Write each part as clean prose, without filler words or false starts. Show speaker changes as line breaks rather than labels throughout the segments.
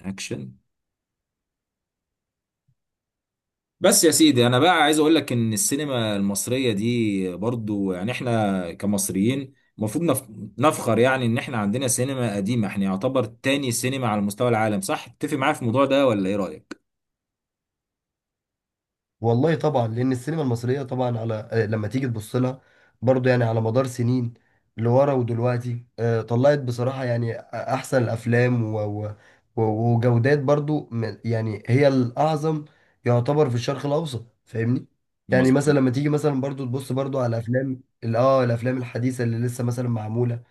اكشن. بس يا سيدي انا بقى عايز اقول لك ان السينما المصريه دي برضو يعني احنا كمصريين المفروض نفخر يعني ان احنا عندنا سينما قديمه، احنا يعتبر تاني سينما على مستوى العالم. صح؟ تتفق معايا في الموضوع ده ولا ايه رايك؟
والله طبعا لان السينما المصريه طبعا على لما تيجي تبص لها برضه يعني على مدار سنين لورا ودلوقتي، طلعت بصراحه يعني احسن الافلام و... وجودات برضه يعني هي الاعظم يعتبر في الشرق الاوسط. فاهمني؟ يعني مثلا
مظبوط.
لما تيجي مثلا برضه تبص برضه على افلام الافلام الحديثه اللي لسه مثلا معموله،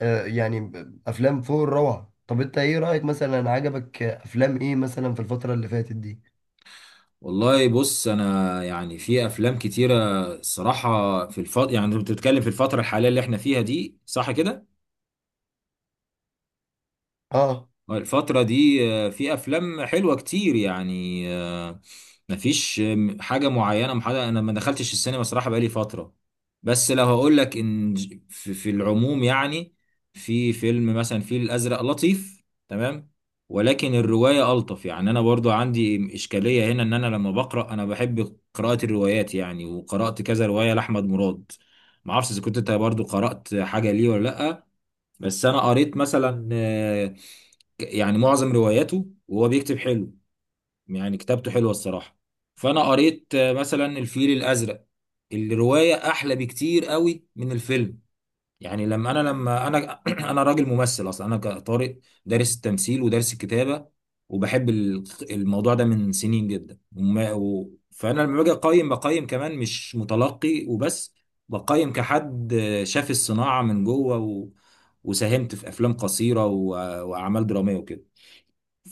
يعني افلام فوق الروعه. طب انت ايه رايك مثلا؟ عجبك افلام ايه مثلا في الفتره اللي فاتت دي؟
والله بص انا يعني في افلام كتيره. الصراحه في يعني انت بتتكلم في الفتره الحاليه اللي احنا فيها دي، صح كده؟
اه
الفترة دي في أفلام حلوة كتير، يعني مفيش حاجة معينة محددة. أنا ما دخلتش السينما صراحة بقالي فترة. بس لو هقول لك إن في العموم يعني في فيلم مثلا، في الأزرق لطيف تمام، ولكن الرواية ألطف. يعني أنا برضو عندي إشكالية هنا، إن أنا لما بقرأ أنا بحب قراءة الروايات يعني، وقرأت كذا رواية لأحمد مراد. معرفش إذا كنت أنت برضو قرأت حاجة ليه ولا لأ. بس أنا قريت مثلا يعني معظم رواياته، وهو بيكتب حلو يعني، كتابته حلوة الصراحة. فأنا قريت مثلا الفيل الأزرق. الرواية أحلى بكتير قوي من الفيلم. يعني لما أنا أنا راجل ممثل أصلا، أنا كطارق دارس التمثيل ودارس الكتابة، وبحب الموضوع ده من سنين جدا فأنا لما باجي أقيم، بقيم كمان مش متلقي وبس، بقيم كحد شاف الصناعة من جوه، وساهمت في أفلام قصيرة، وأعمال درامية وكده.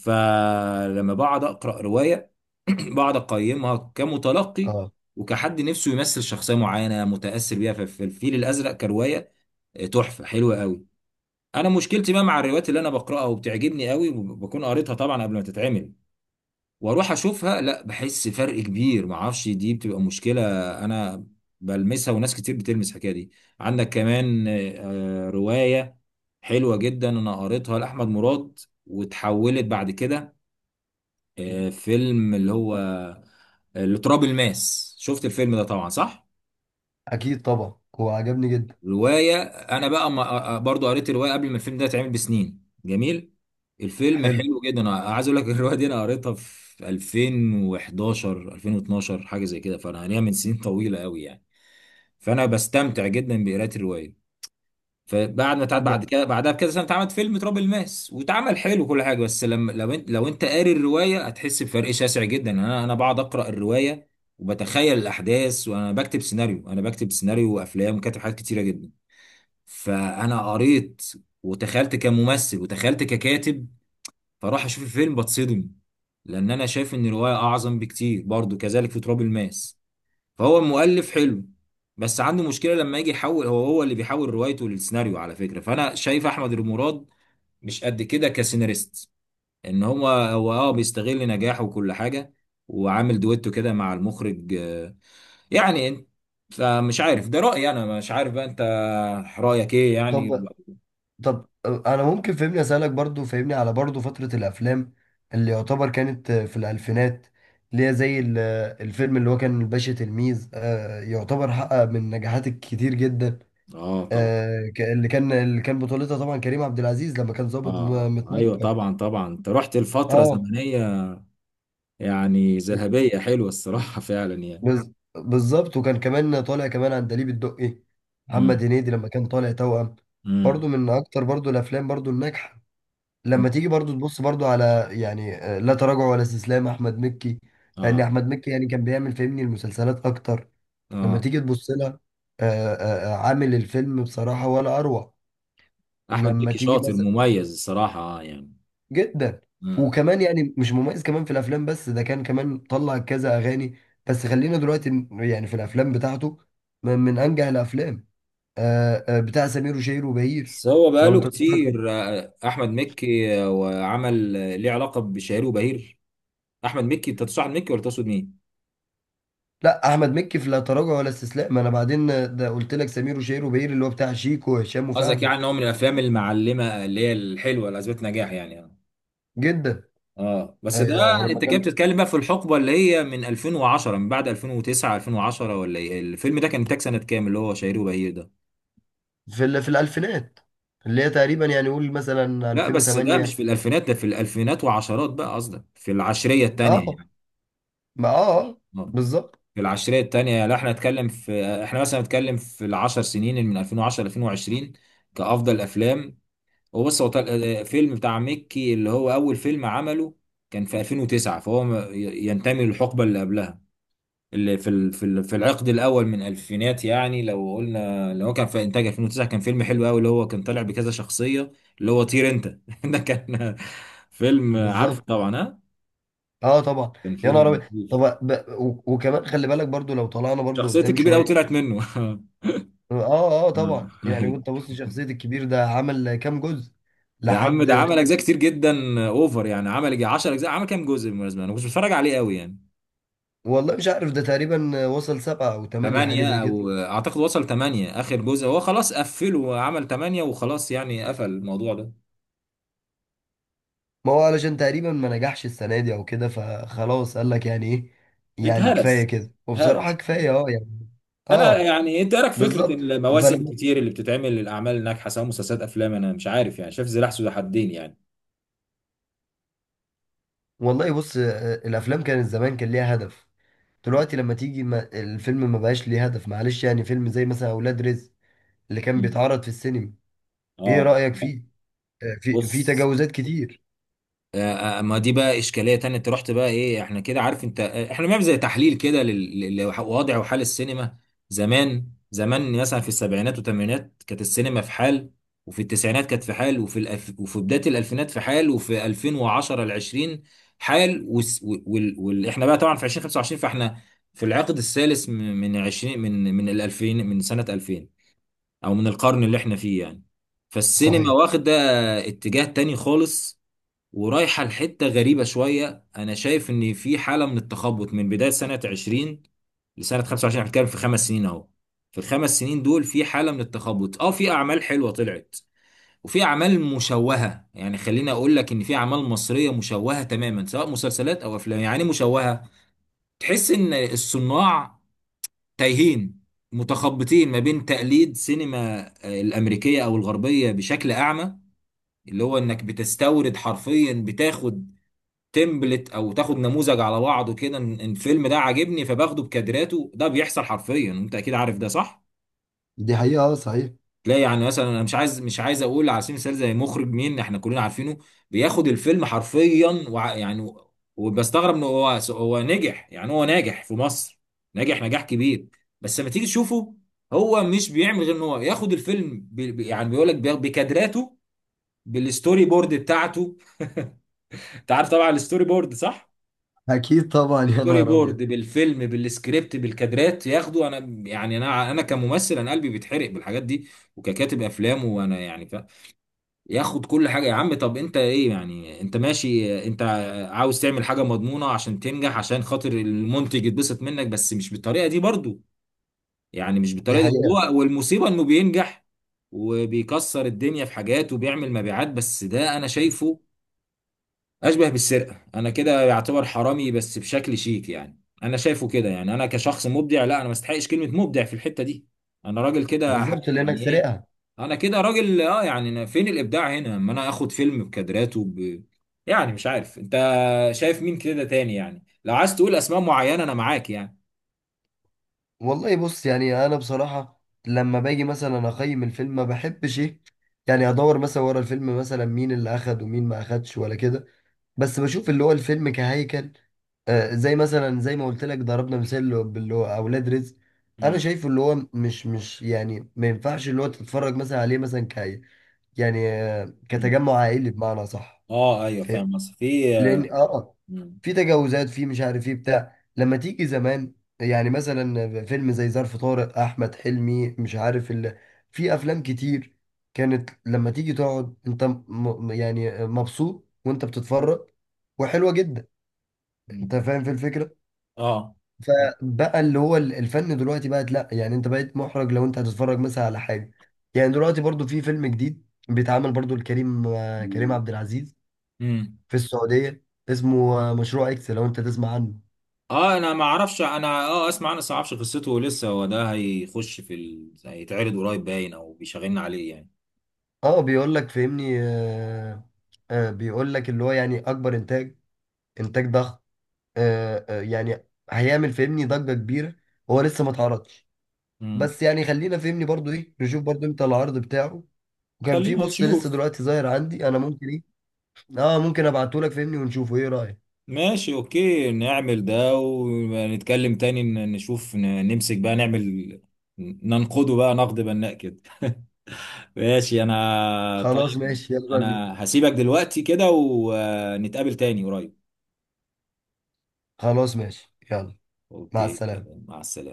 فلما بقعد اقرا روايه بقعد اقيمها كمتلقي
اه
وكحد نفسه يمثل شخصيه معينه متاثر بيها. في الفيل الازرق كروايه، تحفه حلوه قوي. انا مشكلتي بقى مع الروايات اللي انا بقراها وبتعجبني قوي، وبكون قريتها طبعا قبل ما تتعمل واروح اشوفها، لا بحس فرق كبير. ما اعرفش، دي بتبقى مشكله انا بلمسها، وناس كتير بتلمس الحكايه دي. عندك كمان روايه حلوه جدا انا قريتها لاحمد مراد، وتحولت بعد كده فيلم، اللي هو اللي تراب الماس. شفت الفيلم ده طبعا، صح؟
اكيد طبعا، هو عجبني جدا.
رواية انا بقى ما برضو قريت الرواية قبل ما الفيلم ده يتعمل بسنين. جميل. الفيلم
حلو.
حلو جدا، انا عايز اقول لك الرواية دي انا قريتها في 2011 2012، حاجة زي كده، فانا ليها من سنين طويلة قوي يعني. فانا بستمتع جدا بقراءة الرواية. فبعد ما اتعاد
طب
بعد كده بعدها بكذا سنه، اتعمل فيلم تراب الماس، واتعمل حلو وكل حاجه، بس لما لو انت لو انت قاري الروايه هتحس بفرق شاسع جدا يعني. انا بقعد اقرا الروايه وبتخيل الاحداث، وانا بكتب سيناريو، انا بكتب سيناريو وافلام وكاتب حاجات كتيره جدا. فانا قريت، وتخيلت كممثل وتخيلت ككاتب، فاروح اشوف الفيلم بتصدم، لان انا شايف ان الروايه اعظم بكتير. برضو كذلك في تراب الماس. فهو مؤلف حلو، بس عنده مشكلة لما يجي يحول. هو هو اللي بيحول روايته للسيناريو على فكرة، فأنا شايف أحمد المراد مش قد كده كسيناريست. إن هو أه بيستغل نجاحه وكل حاجة، وعامل دويتو كده مع المخرج يعني. فمش عارف، ده رأيي، أنا مش عارف بقى أنت رأيك إيه يعني.
طب طب انا ممكن فهمني اسالك برضو، فهمني على برضو فتره الافلام اللي يعتبر كانت في الالفينات، اللي هي زي الفيلم اللي هو كان الباشا تلميذ، يعتبر حقق من نجاحات كتير جدا.
أه طبعا.
اللي كان بطولتها طبعا كريم عبد العزيز لما كان
أه
ضابط
أيوه
متنكر.
طبعا، طبعا. أنت رحت لفترة
اه
زمنية يعني ذهبية، حلوة الصراحة فعلا يعني.
بالظبط. وكان كمان طالع كمان عندليب الدقي محمد
امم.
هنيدي لما كان طالع توأم،
امم.
برضو من اكتر برضو الافلام برضو الناجحه.
أنت-
لما تيجي برضو تبص برضو على يعني، لا تراجع ولا استسلام، احمد مكي. لان
أه.
احمد مكي يعني كان بيعمل فهمني المسلسلات اكتر. لما
أه.
تيجي تبص لها، عامل الفيلم بصراحة ولا اروع.
احمد
لما
مكي
تيجي
شاطر
مثلا
مميز الصراحه، يعني.
جدا.
مم.
وكمان يعني مش مميز كمان في الافلام، بس ده كان كمان طلع كذا اغاني. بس خلينا دلوقتي يعني في الافلام بتاعته، من انجح الافلام، بتاع سمير وشهير وبهير.
بس هو
لو
بقاله
انت تفتكر؟
كتير احمد مكي وعمل، ليه علاقه بشهير وبهير. احمد مكي، انت تقصد احمد مكي ولا تقصد مين؟
لا احمد مكي في لا تراجع ولا استسلام، انا بعدين ده قلت لك سمير وشهير وبهير اللي هو بتاع شيكو وهشام
قصدك
وفهمي.
يعني ان هو من الافلام المعلمه اللي هي الحلوه اللي اثبت نجاح، يعني اه.
جدا،
آه. بس ده
لما
انت كده
كان
بتتكلم بقى في الحقبه اللي هي من 2010، من بعد 2009 2010، ولا ايه؟ الفيلم ده كان انتاج سنه كام اللي هو شهير وبهير ده؟
في في الالفينات، اللي هي تقريبا يعني قول مثلا
لا بس ده مش في
2008.
الالفينات، ده في الالفينات وعشرات بقى. قصدك في العشريه الثانيه
اه،
يعني.
ما اه
آه.
بالظبط.
في العشرية التانية. لا احنا نتكلم في، احنا مثلا نتكلم في العشر سنين اللي من 2010 ل 2020 كأفضل أفلام. وبص هو فيلم بتاع مكي اللي هو أول فيلم عمله كان في 2009، فهو ينتمي للحقبة اللي قبلها، اللي في في العقد الأول من الألفينات يعني. لو قلنا اللي هو كان في إنتاج 2009، كان فيلم حلو قوي، اللي هو كان طالع بكذا شخصية، اللي هو طير أنت. ده كان فيلم، عارف
بالظبط.
طبعا، ها؟
اه طبعا.
كان
يا نهار
فيلم،
ابيض! طب وكمان خلي بالك برضو لو طلعنا برضو
شخصية
قدام
الكبير قوي
شويه.
طلعت منه.
اه اه آه طبعا. يعني وانت بص شخصيه الكبير ده عمل كام جزء
يا عم،
لحد
ده عمل
يعتبر؟
اجزاء كتير جدا، اوفر يعني. عمل يجي 10 اجزاء. عمل كام جزء بالمناسبه؟ انا كنت بتفرج عليه قوي يعني.
والله مش عارف، ده تقريبا وصل سبعه او ثمانيه، حاجه زي
8،
كده.
او اعتقد وصل 8. اخر جزء هو خلاص قفله، وعمل 8 وخلاص، يعني قفل الموضوع ده.
ما هو علشان تقريبا ما نجحش السنة دي او كده، فخلاص قال لك يعني ايه، يعني كفاية
اتهرس.
كده. وبصراحة
اتهرس.
كفاية اه يعني.
انا
اه
يعني انت إيه رايك في فكره
بالظبط.
المواسم
فلما،
كتير اللي بتتعمل للاعمال الناجحه سواء مسلسلات افلام؟ انا مش عارف يعني، شايف سلاح ذو حدين يعني.
والله بص، الافلام كانت زمان كان ليها هدف، دلوقتي لما تيجي ما الفيلم ما بقاش ليه هدف. معلش يعني فيلم زي مثلا اولاد رزق اللي كان
مم.
بيتعرض في السينما، ايه
اه.
رأيك فيه؟ في
بص
تجاوزات كتير.
ما دي بقى اشكاليه تانية. انت رحت بقى ايه، احنا كده عارف، انت احنا بنعمل زي تحليل كده للوضع وحال السينما. زمان زمان مثلا في السبعينات والثمانينات كانت السينما في حال، وفي التسعينات كانت في حال، وفي بدايه الالفينات في حال، وفي 2010 ل 20 حال، احنا بقى طبعا في 2025، فاحنا في العقد الثالث من 20، من ال 2000، من سنه 2000، او من القرن اللي احنا فيه يعني. فالسينما
صحيح.
واخده اتجاه تاني خالص، ورايحة لحتة غريبة شوية. أنا شايف إن في حالة من التخبط من بداية سنة 20 لسنة 25، احنا بنتكلم في خمس سنين أهو. في الخمس سنين دول في حالة من التخبط. أه في أعمال حلوة طلعت، وفي أعمال مشوهة، يعني خليني أقول لك إن في أعمال مصرية مشوهة تماما سواء مسلسلات أو أفلام. يعني إيه مشوهة؟ تحس إن الصناع تايهين متخبطين ما بين تقليد سينما الأمريكية أو الغربية بشكل أعمى. اللي هو انك بتستورد حرفيا، بتاخد تمبلت او تاخد نموذج على بعضه كده، إن الفيلم ده عاجبني فباخده بكادراته. ده بيحصل حرفيا، انت اكيد عارف ده، صح؟
دي حقيقة، اه صحيح.
تلاقي يعني مثلا، انا مش عايز اقول على سبيل المثال زي مخرج، مين احنا كلنا عارفينه، بياخد الفيلم حرفيا يعني. وبستغرب انه هو نجح يعني، هو ناجح في مصر، ناجح نجاح كبير. بس لما تيجي تشوفه، هو مش بيعمل غير ان هو ياخد الفيلم يعني بيقول لك بكادراته، بالستوري بورد بتاعته. انت عارف طبعا الستوري بورد، صح؟
اكيد طبعا. يا
بالستوري
نهار
بورد
ابيض!
بالفيلم بالسكريبت بالكادرات ياخدوا. انا يعني انا كممثل انا قلبي بيتحرق بالحاجات دي، وككاتب افلام، وانا يعني ياخد كل حاجه. يا عم طب انت ايه يعني؟ انت ماشي، انت عاوز تعمل حاجه مضمونه عشان تنجح عشان خاطر المنتج يتبسط منك، بس مش بالطريقه دي برضو يعني، مش
دي
بالطريقه دي.
حقيقة.
وهو والمصيبه انه بينجح وبيكسر الدنيا في حاجات وبيعمل مبيعات. بس ده انا شايفه اشبه بالسرقه. انا كده يعتبر حرامي بس بشكل شيك، يعني انا شايفه كده. يعني انا كشخص مبدع، لا انا ما استحقش كلمه مبدع في الحته دي، انا راجل كده
بالظبط، لانك
يعني ايه.
سرقها.
انا كده راجل اه يعني، أنا فين الابداع هنا اما انا اخد فيلم بكادراته يعني مش عارف انت شايف مين كده تاني يعني، لو عايز تقول اسماء معينه انا معاك يعني.
والله بص، يعني انا بصراحه لما باجي مثلا اقيم الفيلم ما بحبش ايه يعني ادور مثلا ورا الفيلم مثلا مين اللي اخد ومين ما اخدش ولا كده، بس بشوف اللي هو الفيلم كهيكل. آه، زي مثلا زي ما قلت لك، ضربنا مثال باللي هو اولاد رزق. انا
مم.
شايفه اللي هو مش يعني ما ينفعش اللي هو تتفرج مثلا عليه مثلا كاي، يعني آه
مم.
كتجمع عائلي، بمعنى صح؟
اه ايوه فاهم بس في.
لان اه آه.
مم.
في تجاوزات، في مش عارف ايه بتاع. لما تيجي زمان، يعني مثلا فيلم زي ظرف طارق احمد حلمي، مش عارف في افلام كتير كانت لما تيجي تقعد انت يعني مبسوط وانت بتتفرج، وحلوه جدا. انت
مم.
فاهم في الفكره؟
اه.
فبقى اللي هو الفن دلوقتي بقت لا، يعني انت بقيت محرج لو انت هتتفرج مثلا على حاجه. يعني دلوقتي برضو في فيلم جديد بيتعمل برضو لكريم، كريم عبد العزيز،
مم.
في السعودية، اسمه مشروع اكس. لو انت تسمع عنه؟
اه انا ما اعرفش، انا اه اسمع، انا بس ما اعرفش قصته لسه، هو ده هيخش في هيتعرض قريب باين، او بيشغلنا عليه يعني.
اه بيقول لك فهمني آه، آه بيقول لك اللي هو يعني اكبر انتاج، انتاج ضخم، آه آه يعني هيعمل فهمني ضجة كبيرة. هو لسه ما اتعرضش،
امم.
بس يعني خلينا فهمني برضو ايه نشوف برضو امتى العرض بتاعه. وكان في
خلينا
بص لسه
نشوف.
دلوقتي ظاهر عندي، انا ممكن ايه؟ اه ممكن ابعته لك فهمني ونشوفه، ايه رأيك؟
ماشي اوكي نعمل ده ونتكلم تاني، نشوف نمسك بقى نعمل، ننقده بقى نقد بناء كده. ماشي انا
خلاص
طيب.
ماشي، يلا بينا.
انا هسيبك دلوقتي كده ونتقابل تاني قريب.
خلاص ماشي يلا. مع
اوكي
السلامة.
سلام، مع السلامة.